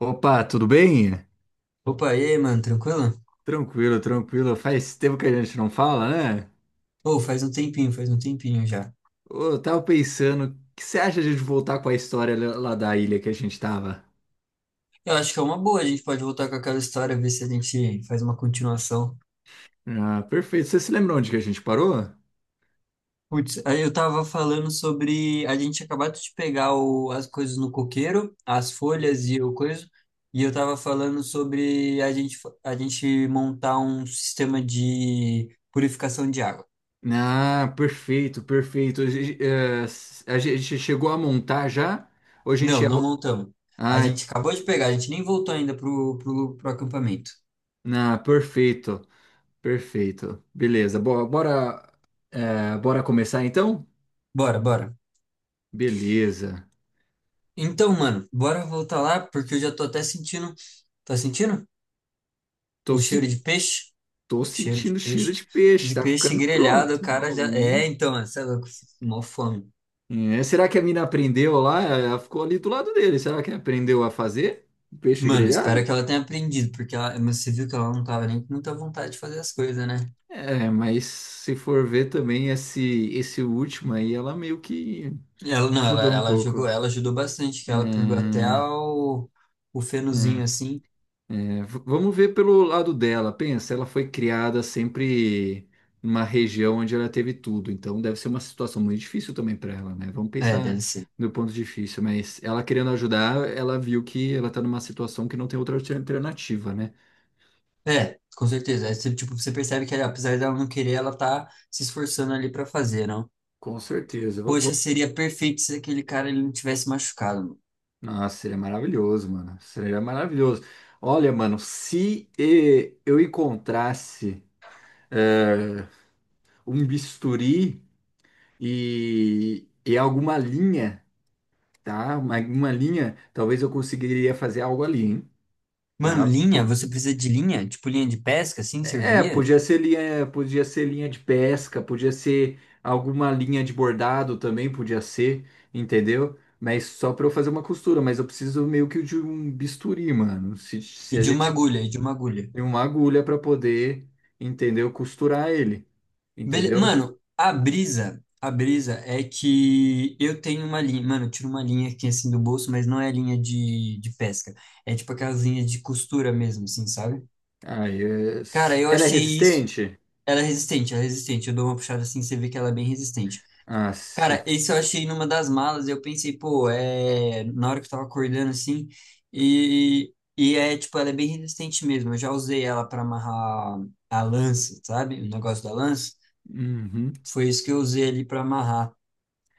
Opa, tudo bem? Opa, e aí, mano, tranquilo? Tranquilo, tranquilo. Faz tempo que a gente não fala, né? Ô, faz um tempinho já. Ô, eu tava pensando, o que você acha de a gente voltar com a história lá da ilha que a gente tava? Eu acho que é uma boa, a gente pode voltar com aquela história, ver se a gente faz uma continuação. Ah, perfeito. Você se lembra onde que a gente parou? Putz, aí eu tava falando sobre a gente acabado de pegar as coisas no coqueiro, as folhas e o coisa, e eu tava falando sobre a gente montar um sistema de purificação de água. Ah, perfeito, perfeito. A gente, a gente chegou a montar já? Ou a gente Não, ia... não montamos. A Ah, é, gente acabou de pegar, a gente nem voltou ainda pro acampamento. ah, perfeito, perfeito. Beleza, bora, bora começar então? Bora, bora. Beleza. Então, mano, bora voltar lá, porque eu já tô até sentindo. Tá sentindo? Tô O se cheiro de peixe? Tô Cheiro de sentindo cheiro peixe. de peixe, De tá peixe ficando grelhado, pronto. o cara Ó, já. É, hum. então, mano, você é louco, mó fome. É, será que a mina aprendeu lá? Ela ficou ali do lado dele. Será que aprendeu a fazer peixe Mano, grelhado? espero que ela tenha aprendido, porque ela, mas você viu que ela não tava nem com muita vontade de fazer as coisas, né? É, mas se for ver também esse último aí, ela meio que Ela, não, ela, ajudou um ela jogou, pouco. ela ajudou bastante, que É, ela pegou até o fenozinho é. assim. É, vamos ver pelo lado dela. Pensa, ela foi criada sempre numa região onde ela teve tudo, então deve ser uma situação muito difícil também para ela, né? Vamos É, pensar deve ser. no ponto difícil, mas ela querendo ajudar, ela viu que ela tá numa situação que não tem outra alternativa, né? É, com certeza. Aí você, tipo, você percebe que, apesar dela não querer, ela tá se esforçando ali pra fazer, não? Com certeza. Poxa, seria perfeito se aquele cara ele não tivesse machucado. Nossa, seria maravilhoso, mano. Seria maravilhoso. Olha, mano, se eu encontrasse eh, um bisturi e alguma linha. Tá? Uma linha, talvez eu conseguiria fazer algo ali, hein? Mano, mano, Tá? linha, você precisa de linha? Tipo linha de pesca, assim, É, serviria? Podia ser linha de pesca, podia ser alguma linha de bordado também, podia ser, entendeu? Mas só para eu fazer uma costura, mas eu preciso meio que de um bisturi, mano. Se E a de uma gente agulha, e de uma agulha. tem uma agulha para poder, entendeu? Costurar ele, entendeu? Mano, a brisa é que eu tenho uma linha, mano, eu tiro uma linha aqui assim do bolso, mas não é linha de pesca. É tipo aquelas linhas de costura mesmo, assim, sabe? Aí, Cara, eu era achei isso. resistente? Ela é resistente, ela é resistente. Eu dou uma puxada assim, você vê que ela é bem resistente. Ah, se. Cara, isso eu achei numa das malas. Eu pensei, pô, é. Na hora que eu tava acordando assim. E é, tipo, ela é bem resistente mesmo. Eu já usei ela pra amarrar a lança, sabe? O negócio da lança. Uhum. Foi isso que eu usei ali pra amarrar.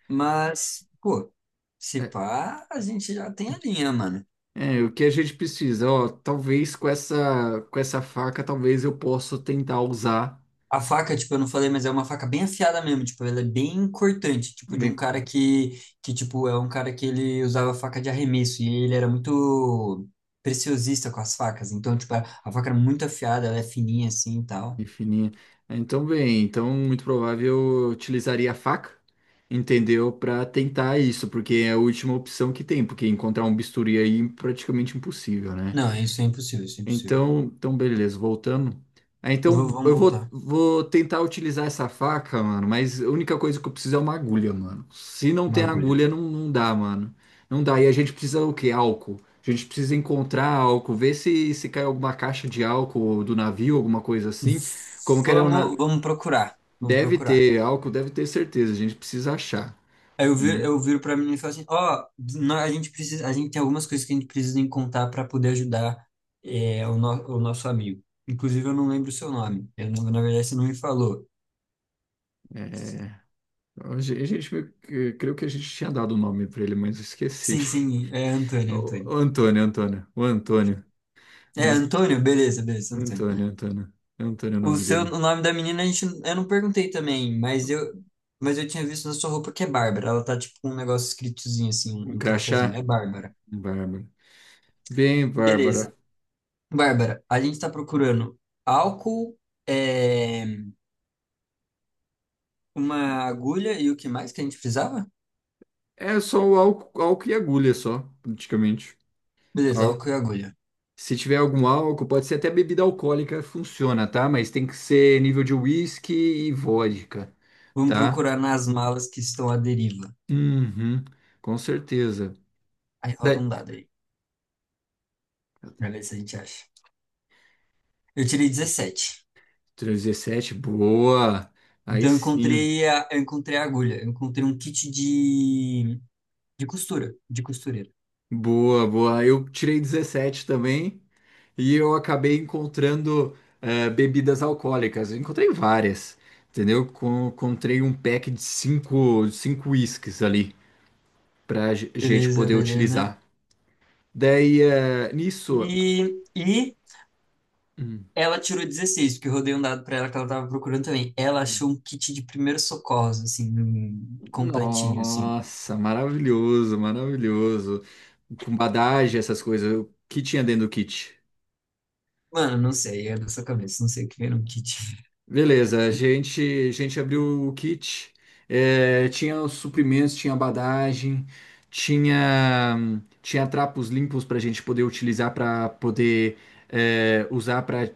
Mas, pô, se É, pá, a gente já tem a linha, mano. é, o que a gente precisa, ó, talvez com essa faca, talvez eu possa tentar usar A faca, tipo, eu não falei, mas é uma faca bem afiada mesmo, tipo, ela é bem cortante, tipo, de um bem cu- cara que, tipo, é um cara que ele usava faca de arremesso e ele era muito preciosista com as facas, então, tipo, a faca era muito afiada, ela é fininha assim e tal. bem fininha. É, então, bem, então muito provável eu utilizaria a faca, entendeu? Para tentar isso, porque é a última opção que tem, porque encontrar um bisturi aí é praticamente impossível, né? Não, isso é impossível, isso é impossível. Então, então beleza, voltando. Ah, então Vamos eu vou, voltar. vou tentar utilizar essa faca, mano, mas a única coisa que eu preciso é uma agulha, mano. Se não Uma tem agulha. agulha, não, não dá, mano. Não dá. E a gente precisa o quê? Álcool. A gente precisa encontrar álcool, ver se cai alguma caixa de álcool do navio, alguma coisa V- assim. Como que era o na... vamos procurar, vamos Deve procurar. ter álcool, deve ter certeza. A gente precisa achar. Aí eu viro pra menina e falo assim, ó, a gente tem algumas coisas que a gente precisa encontrar para poder ajudar é, o, no- o nosso amigo. Inclusive, eu não lembro o seu nome. Eu não- Na verdade, você não me falou. É, a gente, meio que creio que a gente tinha dado o nome pra ele, mas eu esqueci. Sim, sim, é Antônio, O Antônio. Antônio, Antônio, o Antônio. É, Né? Antônio, beleza, beleza, Antônio. Antônio, Antônio. É Antônio o O nome seu, dele. o nome da menina a gente, eu não perguntei também, mas eu tinha visto na sua roupa que é Bárbara. Ela tá tipo com um negócio escritozinho assim, Um um crachazinho. crachá? É Bárbara. Bárbara. Bem, Beleza. Bárbara. Bárbara, a gente tá procurando álcool, eh, uma agulha e o que mais que a gente precisava? É só o álcool, álcool e agulha só, praticamente. Beleza, Álcool. álcool e agulha. Se tiver algum álcool, pode ser até bebida alcoólica, funciona, tá? Mas tem que ser nível de whisky e vodka, Vamos tá? procurar nas malas que estão à deriva. Uhum, com certeza. Aí Da- roda um dado aí, pra ver se a gente acha. Eu tirei 17. 17, boa. Aí Então eu sim. encontrei a, eu encontrei a agulha, eu encontrei um kit de costura, de costureira. Boa, boa. Eu tirei 17 também. E eu acabei encontrando bebidas alcoólicas. Eu encontrei várias, entendeu? Encontrei um pack de cinco, cinco uísques ali pra gente Beleza, poder beleza. utilizar. Daí, eh, nisso, E hum, ela tirou 16 porque eu rodei um dado pra ela que ela tava procurando também. Ela achou um kit de primeiros socorros, assim, um completinho, assim. nossa, maravilhoso, maravilhoso. Com badagem, essas coisas. O que tinha dentro do kit? Mano, não sei, é da sua cabeça, não sei o que era um kit. Beleza, a gente abriu o kit, tinha os suprimentos, tinha badagem, tinha, tinha trapos limpos para a gente poder utilizar para poder usar para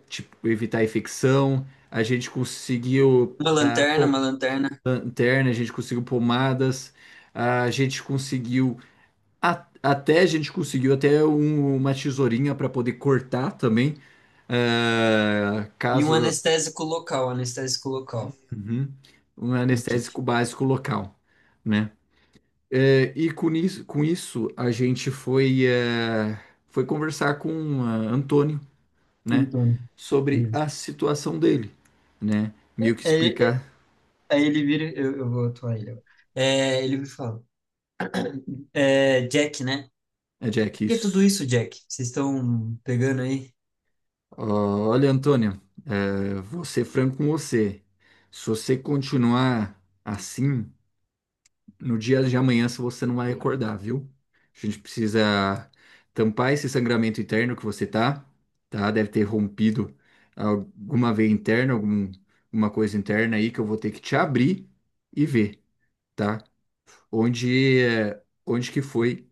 evitar infecção. A gente conseguiu a pom- Uma lanterna lanterna, a gente conseguiu pomadas, a gente conseguiu até a gente conseguiu até uma tesourinha para poder cortar também, eh, e um caso. Anestésico local Uhum. Um no kit. anestésico básico local, né? É, e com isso, a gente foi, é, foi conversar com Antônio, né? Antônio. Sobre Beleza. a situação dele, né? Meio que É, é, explicar, aí ele vira, eu vou atuar ele agora. É, ele me fala, é, Jack, né? é, Jack, O que é tudo isso. isso, Jack? Vocês estão pegando aí? Ó, olha, Antônio, é, vou ser franco com você. Se você continuar assim, no dia de amanhã se você não vai acordar, viu? A gente precisa tampar esse sangramento interno que você tá, tá? Deve ter rompido alguma veia interna, algum, alguma coisa interna aí que eu vou ter que te abrir e ver, tá? Onde, é, onde que foi,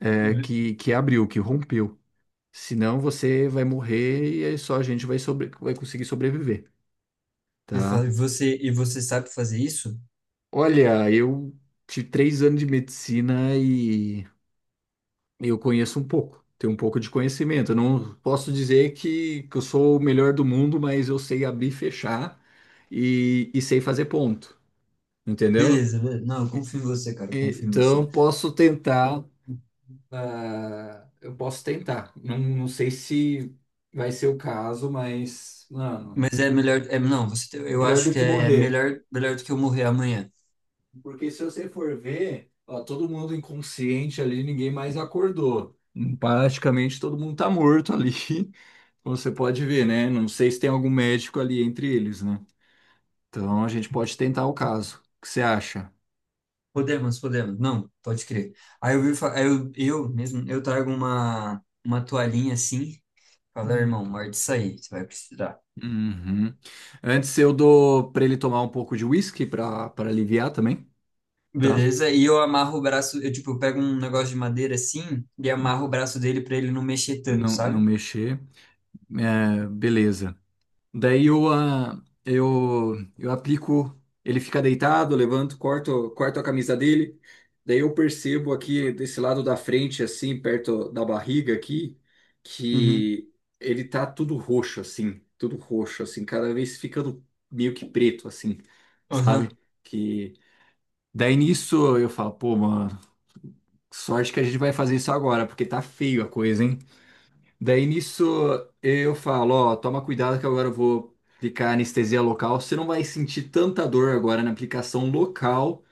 é, Uhum. Que abriu, que rompeu. Senão você vai morrer e aí só a gente vai, sobre, vai conseguir sobreviver, Ele fala, tá? e você sabe fazer isso? Olha, eu tive 3 anos de medicina e eu conheço um pouco, tenho um pouco de conhecimento. Eu não posso dizer que eu sou o melhor do mundo, mas eu sei abrir, e fechar e sei fazer ponto, entendeu? Beleza, beleza. Não, eu E- confio em você, cara, eu confio em você. Então posso tentar, ah, eu posso tentar. Não, não sei se vai ser o caso, mas mano, Mas é melhor, é, não, você, eu melhor acho do que que é morrer. melhor, melhor do que eu morrer amanhã. Porque se você for ver, ó, todo mundo inconsciente ali, ninguém mais acordou. Praticamente todo mundo tá morto ali. Você pode ver, né? Não sei se tem algum médico ali entre eles, né? Então a gente pode tentar o caso. O que você acha? Podemos, podemos. Não, pode crer. Aí eu mesmo, eu trago uma toalhinha assim, fala Hum. irmão, morde isso aí, você vai precisar. Uhum. Antes eu dou para ele tomar um pouco de whisky para para aliviar também, tá? Beleza? E eu amarro o braço, eu tipo, eu pego um negócio de madeira assim e amarro o braço dele pra ele não mexer tanto, Não, não sabe? mexer. É, beleza. Daí eu, ah, eu aplico, ele fica deitado, eu levanto, corto, corto a camisa dele. Daí eu percebo aqui desse lado da frente, assim, perto da barriga aqui, Uhum. que ele tá tudo roxo, assim, cada vez ficando meio que preto, assim, Aham. sabe? Que daí nisso eu falo, pô, mano, sorte que a gente vai fazer isso agora, porque tá feio a coisa, hein? Daí nisso eu falo, ó, toma cuidado que agora eu vou aplicar anestesia local. Você não vai sentir tanta dor agora na aplicação local,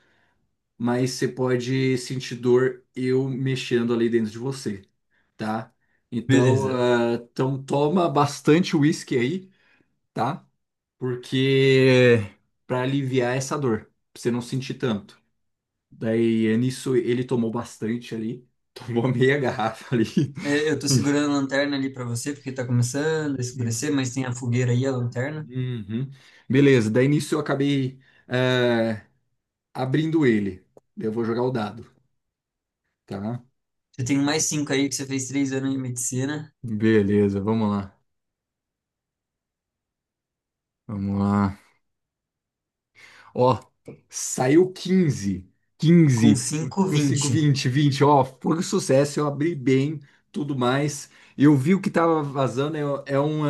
mas você pode sentir dor eu mexendo ali dentro de você, tá? Então, Beleza. ah, então toma bastante uísque aí, tá? Porque para aliviar essa dor, pra você não sentir tanto. Daí nisso ele tomou bastante ali, tomou meia garrafa ali. É, eu tô segurando a lanterna ali pra você, porque tá começando a escurecer, mas tem a fogueira aí, a lanterna. Uhum. Beleza, daí nisso eu acabei é, abrindo ele. Eu vou jogar o dado, tá? Você tem mais cinco aí, que você fez 3 anos de medicina, Beleza, vamos lá. Vamos lá. Ó, saiu 15, 15 com f- cinco, com 5 20, 20, 20. Ó, foi um sucesso. Eu abri bem, tudo mais. Eu vi o que tava vazando.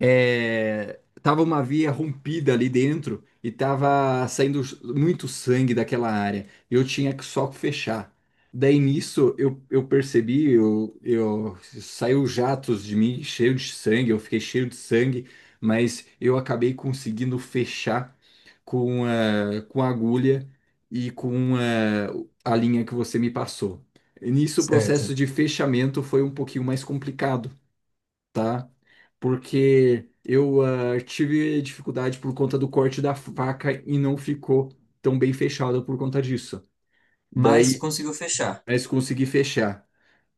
É, tava uma via rompida ali dentro e tava saindo muito sangue daquela área. Eu tinha que só fechar. Daí nisso eu percebi, eu saiu jatos de mim cheio de sangue, eu fiquei cheio de sangue, mas eu acabei conseguindo fechar com a agulha e com a linha que você me passou. E nisso o processo certo? de fechamento foi um pouquinho mais complicado, tá? Porque eu ah, tive dificuldade por conta do corte da faca e não ficou tão bem fechada por conta disso. Mas Daí, conseguiu fechar. mas consegui fechar,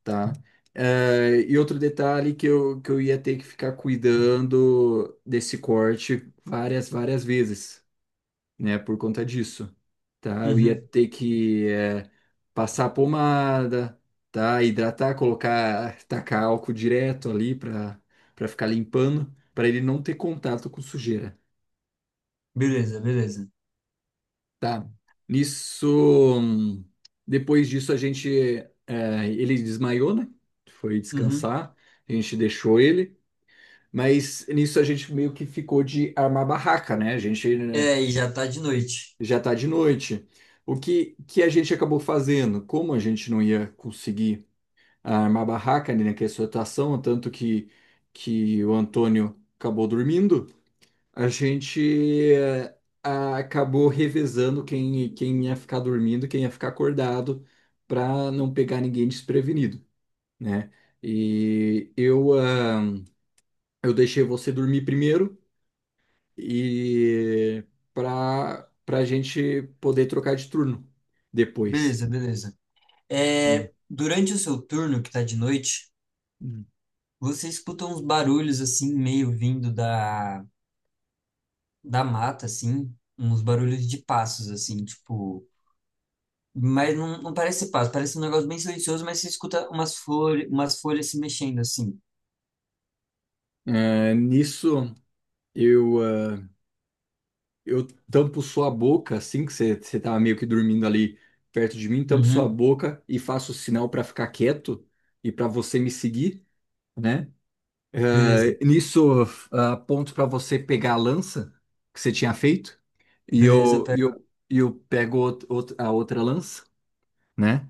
tá? Eh, e outro detalhe que eu ia ter que ficar cuidando desse corte várias, várias vezes, né? Por conta disso, tá? Eu ia Uhum. ter que passar pomada, tá? Hidratar, colocar, tacar álcool direto ali para para ficar limpando, para ele não ter contato com sujeira, Beleza, beleza. tá? Nisso, hum, depois disso a gente, ele desmaiou, né? Foi Uhum. descansar, a gente deixou ele. Mas nisso a gente meio que ficou de armar barraca, né? A gente, né, É, e já tá de noite. já está de noite. O que, que a gente acabou fazendo? Como a gente não ia conseguir armar barraca ali naquela situação, tanto que o Antônio acabou dormindo, a gente eh, acabou revezando quem, quem ia ficar dormindo, quem ia ficar acordado, para não pegar ninguém desprevenido, né? E eu, ah, eu deixei você dormir primeiro e para para a gente poder trocar de turno depois. Beleza, beleza. Hum. É, durante o seu turno, que tá de noite, Hum. você escuta uns barulhos, assim, meio vindo da mata, assim, uns barulhos de passos, assim, tipo... Mas não, não parece ser passo, parece um negócio bem silencioso, mas você escuta umas flores, umas folhas se mexendo, assim. É, nisso eu eu tampo sua boca assim que você tava meio que dormindo ali perto de mim, tampo sua Uhum. boca e faço sinal para ficar quieto e para você me seguir, né? Beleza, É, nisso aponto para você pegar a lança que você tinha feito e beleza, eu eu e pego, eu, e eu pego a outra lança. Né?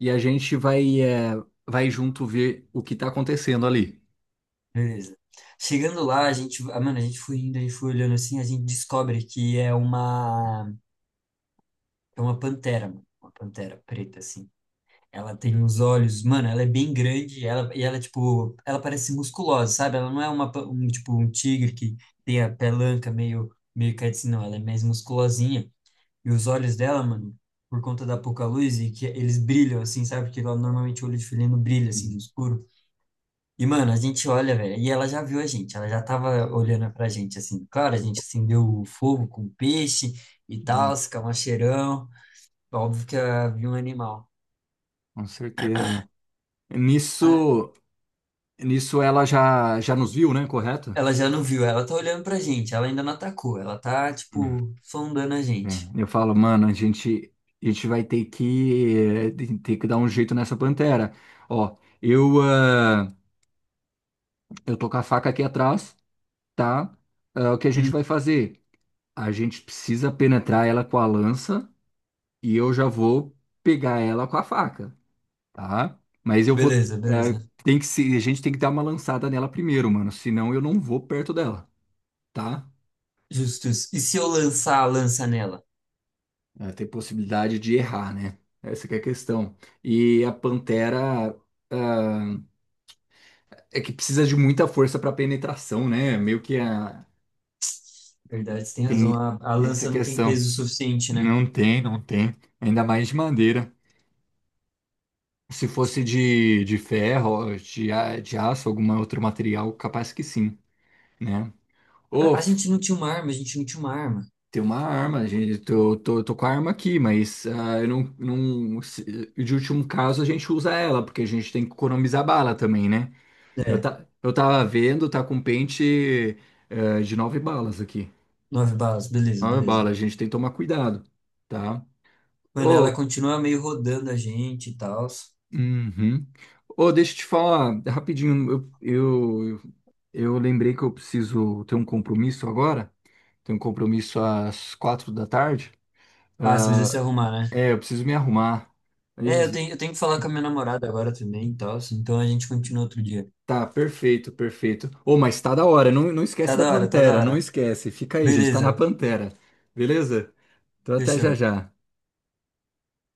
E a gente vai, é, vai junto ver o que está acontecendo ali. beleza. Chegando lá, a gente, mano, a gente foi indo, a gente foi olhando assim, a gente descobre que é uma pantera, mano. Uma pantera preta, assim. Ela tem uns olhos, mano, ela é bem grande, ela, e ela, tipo, ela parece musculosa, sabe? Ela não é um, tipo, um tigre que tem a pelanca meio caída, assim, não, ela é mais musculosinha. E os olhos dela, mano, por conta da pouca luz, e que eles brilham, assim, sabe? Porque lá, normalmente o olho de felino brilha, assim, no Hum, escuro. E, mano, a gente olha, velho, e ela já viu a gente, ela já tava olhando pra gente, assim. Claro, a gente acendeu o fogo com peixe e hum. tal, se cheirão. Óbvio que ela viu um animal. Com certeza. Ah, Nisso, nisso ela já, já nos viu, né? Correto? ela já não viu, ela tá olhando pra gente, ela ainda não atacou, ela tá, Hum, tipo, sondando a é. gente. Eu falo, mano, a gente vai ter que, eh, ter que dar um jeito nessa pantera. Ó, eu, ah, eu tô com a faca aqui atrás, tá? Ah, o que a gente Hum. vai fazer? A gente precisa penetrar ela com a lança e eu já vou pegar ela com a faca. Tá? Mas eu vou. Beleza, É, beleza. tem que se, a gente tem que dar uma lançada nela primeiro, mano. Senão eu não vou perto dela, tá? Justus. E se eu lançar a lança nela? É, tem possibilidade de errar, né? Essa que é a questão. E a pantera é é que precisa de muita força para penetração, né? Meio que a, Verdade, você tem razão, tem a essa lança não tem questão. peso suficiente, né? Não tem, não tem. Ainda mais de madeira. Se fosse de ferro, de, de aço, algum outro material, capaz que sim, né? Ô, A gente não tinha uma arma, a gente não tinha uma arma. tem uma arma, gente. Tô com a arma aqui, mas ah, eu não, não, de último caso a gente usa ela, porque a gente tem que economizar bala também, né? Eu, É, tá, eu tava vendo, tá com pente de nove balas aqui. nove balas, beleza, Nove beleza. balas, a gente tem que tomar cuidado, tá? Mano, Ô, ela continua meio rodando a gente e tal. uhum. Ô, deixa eu te falar, rapidinho, eu, eu, eu lembrei que eu preciso ter um compromisso agora. Tenho um compromisso às 4 da tarde. Ah, você Ah, precisa se arrumar, né? é, eu preciso me arrumar. É, eu Mas tenho, eu tenho que falar com a minha namorada agora também e tal, então a gente continua outro dia. tá, perfeito, perfeito. Ô, mas tá da hora. Não, não esquece Tá da da hora, tá da pantera, não hora. esquece. Fica aí, gente. Tá na Beleza. pantera. Beleza? Então até Fechou. já já.